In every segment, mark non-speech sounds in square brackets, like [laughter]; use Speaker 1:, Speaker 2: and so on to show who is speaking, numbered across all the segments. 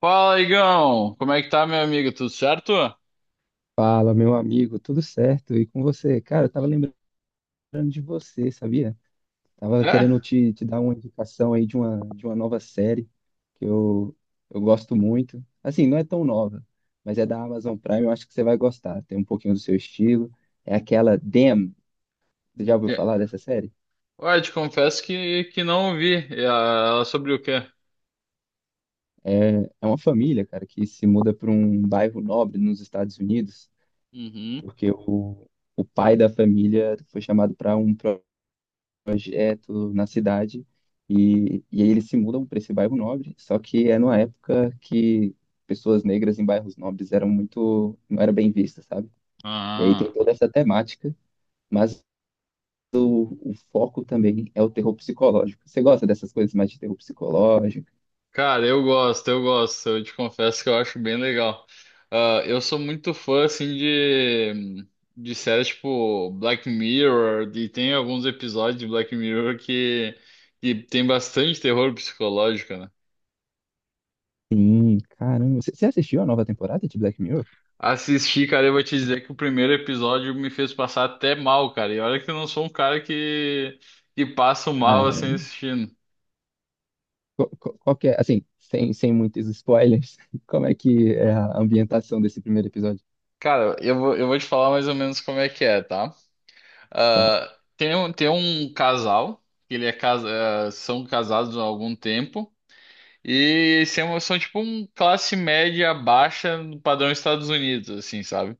Speaker 1: Fala, Igão! Como é que tá, meu amigo? Tudo certo?
Speaker 2: Fala, meu amigo, tudo certo? E com você? Cara, eu tava lembrando de você, sabia? Tava
Speaker 1: É?
Speaker 2: querendo te dar uma indicação aí de uma nova série que eu gosto muito. Assim, não é tão nova, mas é da Amazon Prime, eu acho que você vai gostar. Tem um pouquinho do seu estilo. É aquela Them. Você já ouviu
Speaker 1: De-
Speaker 2: falar dessa série?
Speaker 1: Ué, te confesso que não vi. E a- Ela sobre o quê?
Speaker 2: É, é uma família, cara, que se muda para um bairro nobre nos Estados Unidos,
Speaker 1: Uhum.
Speaker 2: porque o pai da família foi chamado para um projeto na cidade e aí eles se mudam para esse bairro nobre, só que é numa época que pessoas negras em bairros nobres eram muito, não era bem vista, sabe? E aí tem
Speaker 1: Ah.
Speaker 2: toda essa temática, mas o foco também é o terror psicológico. Você gosta dessas coisas mais de terror psicológico?
Speaker 1: Cara, eu gosto, eu gosto. Eu te confesso que eu acho bem legal. Ah, eu sou muito fã, assim, de séries tipo Black Mirror. E tem alguns episódios de Black Mirror que tem bastante terror psicológico, né?
Speaker 2: Sim, caramba. Você assistiu a nova temporada de Black Mirror?
Speaker 1: Assisti, cara, eu vou te dizer que o primeiro episódio me fez passar até mal, cara. E olha que eu não sou um cara que passa mal assim
Speaker 2: Caramba.
Speaker 1: assistindo.
Speaker 2: Qual, qual que é, assim, sem, sem muitos spoilers, [laughs] como é que é a ambientação desse primeiro episódio?
Speaker 1: Cara, eu vou te falar mais ou menos como é que é, tá?
Speaker 2: Tá,
Speaker 1: Ah, tem um casal, que ele é casa, ah, são casados há algum tempo, e são tipo um classe média baixa no padrão Estados Unidos, assim, sabe?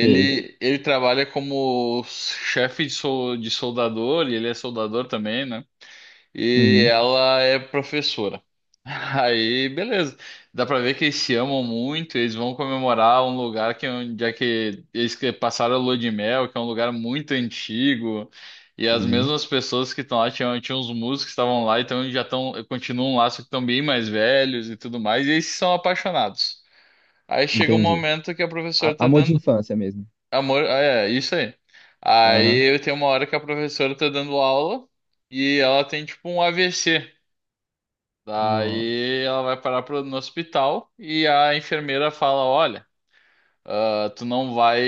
Speaker 2: sei.
Speaker 1: Ele trabalha como chefe de, sol, de soldador, e ele é soldador também, né? E
Speaker 2: Uhum.
Speaker 1: ela é professora. [laughs] Aí, beleza. Dá pra ver que eles se amam muito, eles vão comemorar um lugar que é onde é que eles que passaram a lua de mel, que é um lugar muito antigo. E as
Speaker 2: Sim.
Speaker 1: mesmas pessoas que estão lá, tinham uns músicos que estavam lá, então eles já estão, continuam um laço que estão bem mais velhos e tudo mais, e eles são apaixonados. Aí chega um
Speaker 2: Entendi.
Speaker 1: momento que a professora tá
Speaker 2: Amor de
Speaker 1: dando
Speaker 2: infância mesmo.
Speaker 1: amor, ah, é, isso aí.
Speaker 2: Aham.
Speaker 1: Aí tem uma hora que a professora tá dando aula e ela tem tipo um AVC.
Speaker 2: Nossa.
Speaker 1: Daí ela vai parar pro, no hospital e a enfermeira fala: Olha, ah, tu não vai.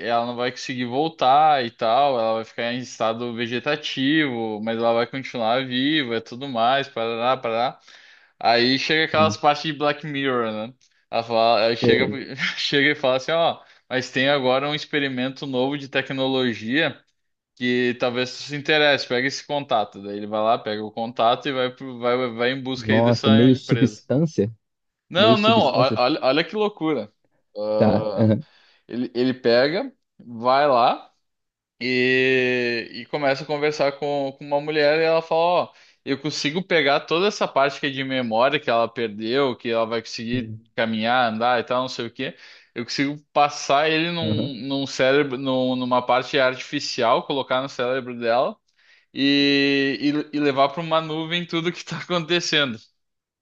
Speaker 1: Ela não vai conseguir voltar e tal, ela vai ficar em estado vegetativo, mas ela vai continuar viva e tudo mais, parará, parará. Aí chega aquelas
Speaker 2: Sim.
Speaker 1: partes de Black Mirror, né? Ela fala, ela chega,
Speaker 2: Cê-
Speaker 1: [laughs] chega e fala assim: Ó, mas tem agora um experimento novo de tecnologia que talvez tu se interesse, pega esse contato. Daí ele vai lá, pega o contato e vai, pro- vai em busca aí
Speaker 2: Nossa,
Speaker 1: dessa
Speaker 2: meio
Speaker 1: empresa.
Speaker 2: substância?
Speaker 1: Não,
Speaker 2: Meio
Speaker 1: não, ó-
Speaker 2: substância?
Speaker 1: olha, olha que loucura.
Speaker 2: Tá.
Speaker 1: Ah,
Speaker 2: Aham.
Speaker 1: ele pega, vai lá e, começa a conversar com uma mulher e ela fala, ó, eu consigo pegar toda essa parte que é de memória que ela perdeu, que ela vai conseguir
Speaker 2: Sim.
Speaker 1: caminhar, andar e tal, não sei o quê. Eu consigo passar ele num,
Speaker 2: Aham.
Speaker 1: num cérebro, num- numa parte artificial, colocar no cérebro dela e, e levar para uma nuvem tudo que está acontecendo.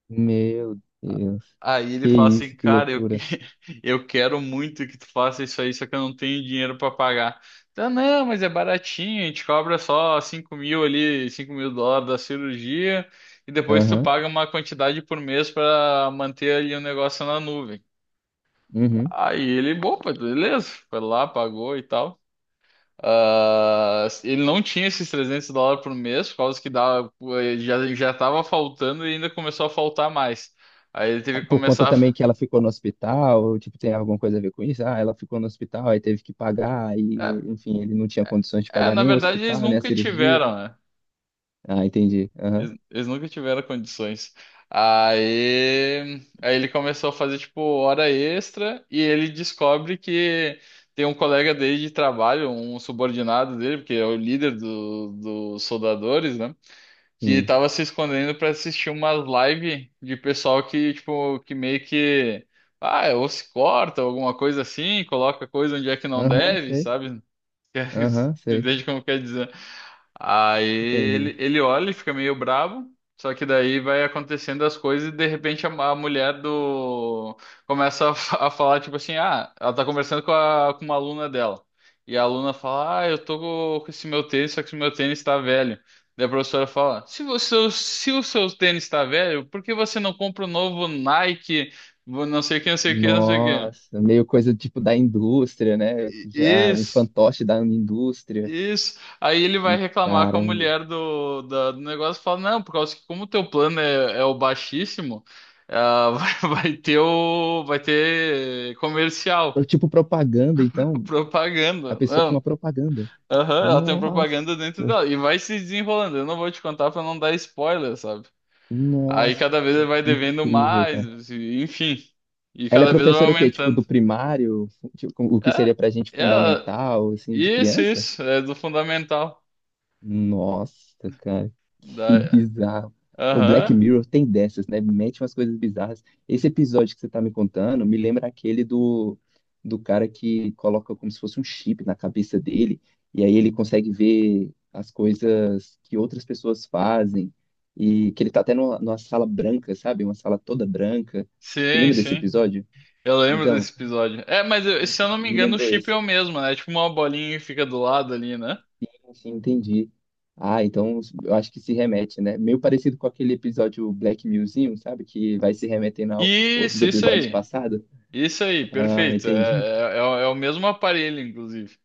Speaker 2: Meu Deus.
Speaker 1: Aí ele
Speaker 2: Que
Speaker 1: fala assim,
Speaker 2: isso, que
Speaker 1: cara, eu, que-
Speaker 2: loucura.
Speaker 1: [laughs] eu quero muito que tu faça isso aí, só que eu não tenho dinheiro para pagar. Então, não, mas é baratinho, a gente cobra só 5.000 ali, 5.000 dólares da cirurgia, e depois tu
Speaker 2: Aham.
Speaker 1: paga uma quantidade por mês para manter ali o negócio na nuvem.
Speaker 2: Uhum.
Speaker 1: Aí ele, opa, beleza, foi lá, pagou e tal. Ah, ele não tinha esses 300 dólares por mês, por causa que dava, já estava faltando e ainda começou a faltar mais. Aí ele teve
Speaker 2: Ah,
Speaker 1: que
Speaker 2: por conta
Speaker 1: começar a...
Speaker 2: também
Speaker 1: fa-
Speaker 2: que ela ficou no hospital, ou, tipo, tem alguma coisa a ver com isso? Ah, ela ficou no hospital, aí teve que pagar,
Speaker 1: É,
Speaker 2: e, enfim, ele não tinha condições de
Speaker 1: é,
Speaker 2: pagar
Speaker 1: na
Speaker 2: nem o
Speaker 1: verdade eles
Speaker 2: hospital, nem a
Speaker 1: nunca
Speaker 2: cirurgia.
Speaker 1: tiveram, né?
Speaker 2: Ah, entendi. Aham.
Speaker 1: Eles nunca tiveram condições. Aí ele começou a fazer, tipo, hora extra e ele descobre que tem um colega dele de trabalho, um subordinado dele, porque é o líder dos soldadores, né? Que
Speaker 2: Sim.
Speaker 1: tava se escondendo pra assistir umas live de pessoal que, tipo, que meio que, ah, ou se corta, alguma coisa assim, coloca coisa onde é que não
Speaker 2: Aham,
Speaker 1: deve,
Speaker 2: sei.
Speaker 1: sabe? [laughs]
Speaker 2: Aham,
Speaker 1: Você
Speaker 2: sei.
Speaker 1: entende como quer dizer? Aí
Speaker 2: Entendi.
Speaker 1: ele olha e fica meio bravo. Só que daí vai acontecendo as coisas e de repente a mulher do começa a, fa- a falar tipo assim, ah, ela tá conversando com, a, com uma aluna dela. E a aluna fala, ah, eu tô co- com esse meu tênis, só que esse meu tênis tá velho. Daí a professora fala, se você, se o seu tênis tá velho, por que você não compra um novo Nike, não sei o que, não sei o que, não sei o que.
Speaker 2: Nossa, meio coisa tipo da indústria, né? Já um
Speaker 1: Isso.
Speaker 2: fantoche da indústria.
Speaker 1: Isso. Aí ele vai reclamar com a
Speaker 2: Caramba.
Speaker 1: mulher do, da- do negócio e fala, não, por causa que como o teu plano é o baixíssimo, ah, [laughs] vai, vai ter o, vai ter comercial,
Speaker 2: Tipo propaganda,
Speaker 1: [laughs]
Speaker 2: então, a
Speaker 1: propaganda.
Speaker 2: pessoa tem uma
Speaker 1: Não.
Speaker 2: propaganda.
Speaker 1: Aham, ela tem
Speaker 2: Nossa,
Speaker 1: propaganda dentro dela. E vai se desenrolando. Eu não vou te contar pra não dar spoiler, sabe? Aí
Speaker 2: nossa,
Speaker 1: cada vez ele
Speaker 2: que
Speaker 1: vai devendo
Speaker 2: incrível, cara.
Speaker 1: mais, e- enfim. E
Speaker 2: Ela é
Speaker 1: cada é vez vai
Speaker 2: professora o quê? Tipo
Speaker 1: aumentando.
Speaker 2: do primário? Tipo, o que
Speaker 1: É,
Speaker 2: seria pra gente
Speaker 1: é,
Speaker 2: fundamental, assim, de
Speaker 1: isso,
Speaker 2: criança?
Speaker 1: isso. É do fundamental.
Speaker 2: Nossa, cara, que
Speaker 1: Da,
Speaker 2: bizarro. O Black
Speaker 1: aham.
Speaker 2: Mirror tem dessas, né? Mete umas coisas bizarras. Esse episódio que você tá me contando me lembra aquele do, do cara que coloca como se fosse um chip na cabeça dele, e aí ele consegue ver as coisas que outras pessoas fazem, e que ele tá até numa, numa sala branca, sabe? Uma sala toda branca. Você
Speaker 1: Sim,
Speaker 2: lembra desse
Speaker 1: sim.
Speaker 2: episódio?
Speaker 1: Eu lembro
Speaker 2: Então,
Speaker 1: desse episódio. É, mas eu- se eu não me
Speaker 2: me
Speaker 1: engano, o
Speaker 2: lembrou
Speaker 1: chip é
Speaker 2: esse.
Speaker 1: o mesmo, né? É tipo uma bolinha que fica do lado ali, né?
Speaker 2: Sim, entendi. Ah, então eu acho que se remete, né? Meio parecido com aquele episódio Black Museum, sabe? Que vai se remetendo a outros
Speaker 1: Isso
Speaker 2: episódios
Speaker 1: aí.
Speaker 2: passados.
Speaker 1: Isso aí,
Speaker 2: Ah,
Speaker 1: perfeito.
Speaker 2: entendi.
Speaker 1: É, é, é o mesmo aparelho, inclusive.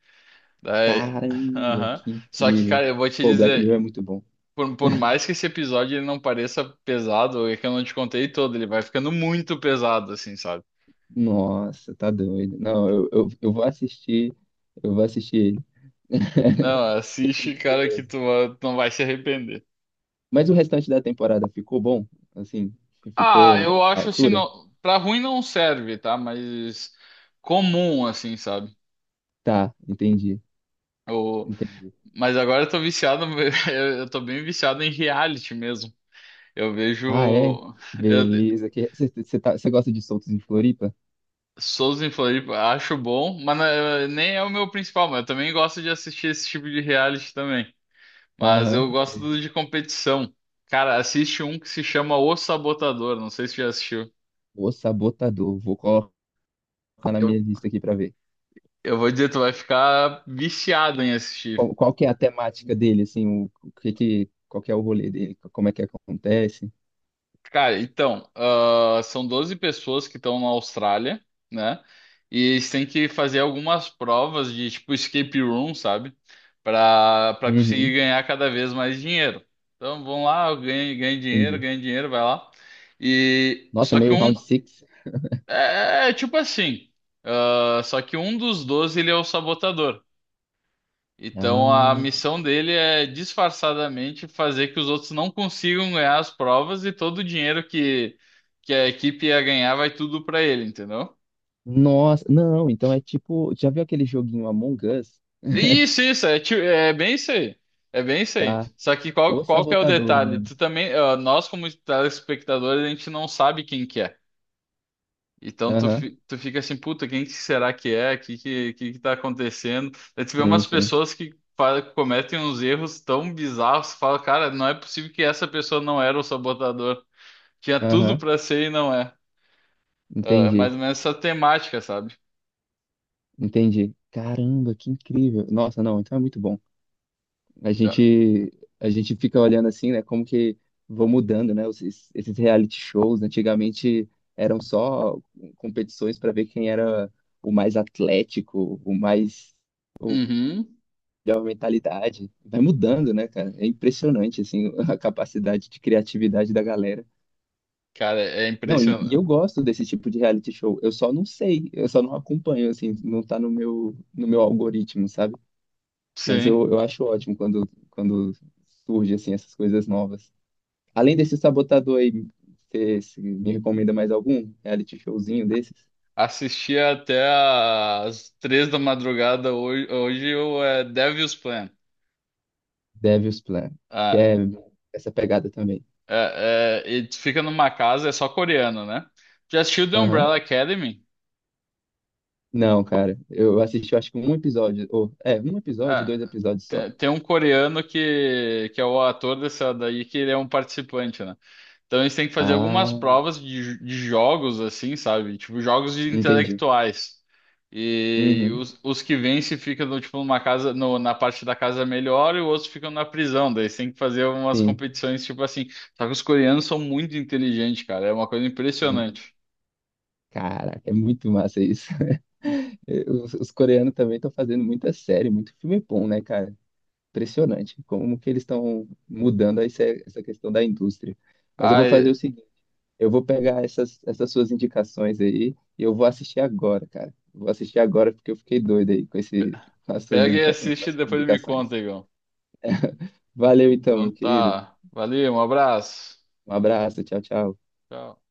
Speaker 1: Daí, [laughs]
Speaker 2: Caramba,
Speaker 1: aham.
Speaker 2: que
Speaker 1: Só que,
Speaker 2: incrível.
Speaker 1: cara, eu vou te
Speaker 2: Pô, Black Mirror é
Speaker 1: dizer,
Speaker 2: muito bom.
Speaker 1: por mais que esse episódio ele não pareça pesado, é que eu não te contei todo, ele vai ficando muito pesado, assim, sabe?
Speaker 2: Nossa, tá doido. Não, eu vou assistir. Eu vou assistir ele. [laughs]
Speaker 1: Não, assiste,
Speaker 2: Muito
Speaker 1: cara, que
Speaker 2: curioso.
Speaker 1: tu, va- tu não vai se arrepender.
Speaker 2: Mas o restante da temporada ficou bom? Assim,
Speaker 1: Ah,
Speaker 2: ficou
Speaker 1: eu
Speaker 2: à
Speaker 1: acho assim,
Speaker 2: altura?
Speaker 1: não, pra ruim não serve, tá? Mas comum, assim, sabe?
Speaker 2: Tá, entendi.
Speaker 1: O-
Speaker 2: Entendi.
Speaker 1: Mas agora eu tô viciado, [laughs] eu tô bem viciado em reality mesmo. Eu vejo
Speaker 2: Ah, é?
Speaker 1: eu,
Speaker 2: Beleza. Que... Você tá... você gosta de soltos em Floripa?
Speaker 1: Souza em Floripa, acho bom, mas não é- nem é o meu principal, mas eu também gosto de assistir esse tipo de reality também. Mas
Speaker 2: Aham,
Speaker 1: eu gosto
Speaker 2: sei.
Speaker 1: do de competição. Cara, assiste um que se chama O Sabotador, não sei se já assistiu.
Speaker 2: O Sabotador. Vou colocar na minha
Speaker 1: Eu,
Speaker 2: lista aqui pra ver.
Speaker 1: eu vou dizer, tu vai ficar viciado em assistir.
Speaker 2: Qual, qual que é a temática dele, assim? O que que... Qual que é o rolê dele? Como é que acontece?
Speaker 1: Cara, então, ah, são 12 pessoas que estão na Austrália, né? E eles têm que fazer algumas provas de tipo escape room, sabe? Para conseguir
Speaker 2: Uhum,
Speaker 1: ganhar cada vez mais dinheiro. Então, vão lá, ganha,
Speaker 2: entendi.
Speaker 1: ganha dinheiro, vai lá. E
Speaker 2: Nossa,
Speaker 1: só que
Speaker 2: meio
Speaker 1: um
Speaker 2: round six.
Speaker 1: é, é tipo assim, ah, só que um dos 12 ele é o sabotador.
Speaker 2: Ah,
Speaker 1: Então a missão dele é disfarçadamente fazer que os outros não consigam ganhar as provas e todo o dinheiro que a equipe ia ganhar vai tudo pra ele, entendeu?
Speaker 2: nossa. Não, então é tipo... Já viu aquele joguinho Among Us? [laughs]
Speaker 1: Isso, é, ti- é bem isso aí. É bem isso aí.
Speaker 2: Tá.
Speaker 1: Só que
Speaker 2: O
Speaker 1: qual que é o
Speaker 2: Sabotador o
Speaker 1: detalhe?
Speaker 2: nome.
Speaker 1: Tu também, ó, nós como telespectadores, a gente não sabe quem que é. Então tu,
Speaker 2: Aham,
Speaker 1: fi- tu fica assim, puta, quem que será que é? O que, que tá acontecendo? Aí tu vê
Speaker 2: sim,
Speaker 1: umas
Speaker 2: sim.
Speaker 1: pessoas que fa- cometem uns erros tão bizarros, tu fala, cara, não é possível que essa pessoa não era o sabotador. Tinha tudo
Speaker 2: Aham,
Speaker 1: pra ser e não é. É,
Speaker 2: entendi.
Speaker 1: mais ou menos essa temática, sabe?
Speaker 2: Entendi. Caramba, que incrível. Nossa, não, então é muito bom. A
Speaker 1: É.
Speaker 2: gente a gente fica olhando assim, né, como que vão mudando, né, esses, esses reality shows. Antigamente eram só competições para ver quem era o mais atlético, o mais o
Speaker 1: Uhum.
Speaker 2: melhor mentalidade. Vai mudando, né, cara? É impressionante assim [laughs] a capacidade de criatividade da galera.
Speaker 1: Cara, é
Speaker 2: Não, e
Speaker 1: impressionante.
Speaker 2: eu gosto desse tipo de reality show. Eu só não sei, eu só não acompanho assim, não tá no meu no meu algoritmo, sabe? Mas
Speaker 1: Sim.
Speaker 2: eu acho ótimo quando, quando surge assim essas coisas novas. Além desse sabotador aí, você me recomenda mais algum reality showzinho desses?
Speaker 1: Assisti até às 3 da madrugada hoje, hoje o é, Devil's Plan.
Speaker 2: Devil's Plan, que
Speaker 1: É,
Speaker 2: é essa pegada também.
Speaker 1: É, é, e tu fica numa casa, é só coreano, né? Já assistiu The
Speaker 2: Aham.
Speaker 1: Umbrella Academy?
Speaker 2: Não, cara, eu assisti acho que um episódio, ou é, um episódio,
Speaker 1: Ah,
Speaker 2: dois episódios só.
Speaker 1: te- tem um coreano que é o ator dessa daí, que ele é um participante, né? Então eles têm que fazer algumas
Speaker 2: Ah,
Speaker 1: provas de, jo- de jogos, assim, sabe? Tipo, jogos de
Speaker 2: entendi.
Speaker 1: intelectuais. E
Speaker 2: Uhum,
Speaker 1: os que vencem ficam, no, tipo, numa casa, no- na parte da casa melhor e os outros ficam na prisão. Daí eles têm que fazer umas
Speaker 2: sim,
Speaker 1: competições, tipo assim. Só que os coreanos são muito inteligentes, cara. É uma coisa
Speaker 2: sim.
Speaker 1: impressionante.
Speaker 2: Caraca, é muito massa isso. [laughs] Os coreanos também estão fazendo muita série, muito filme bom, né, cara? Impressionante como que eles estão mudando essa, essa questão da indústria. Mas eu vou
Speaker 1: Ah,
Speaker 2: fazer o seguinte, eu vou pegar essas, essas suas indicações aí e eu vou assistir agora, cara. Vou assistir agora porque eu fiquei doido aí com esse, com as suas
Speaker 1: pega e
Speaker 2: indica, com
Speaker 1: assiste e
Speaker 2: as suas
Speaker 1: depois me
Speaker 2: indicações.
Speaker 1: conta, Igor.
Speaker 2: Valeu então, meu
Speaker 1: Então
Speaker 2: querido.
Speaker 1: tá. Valeu, um abraço.
Speaker 2: Um abraço, tchau, tchau.
Speaker 1: Tchau.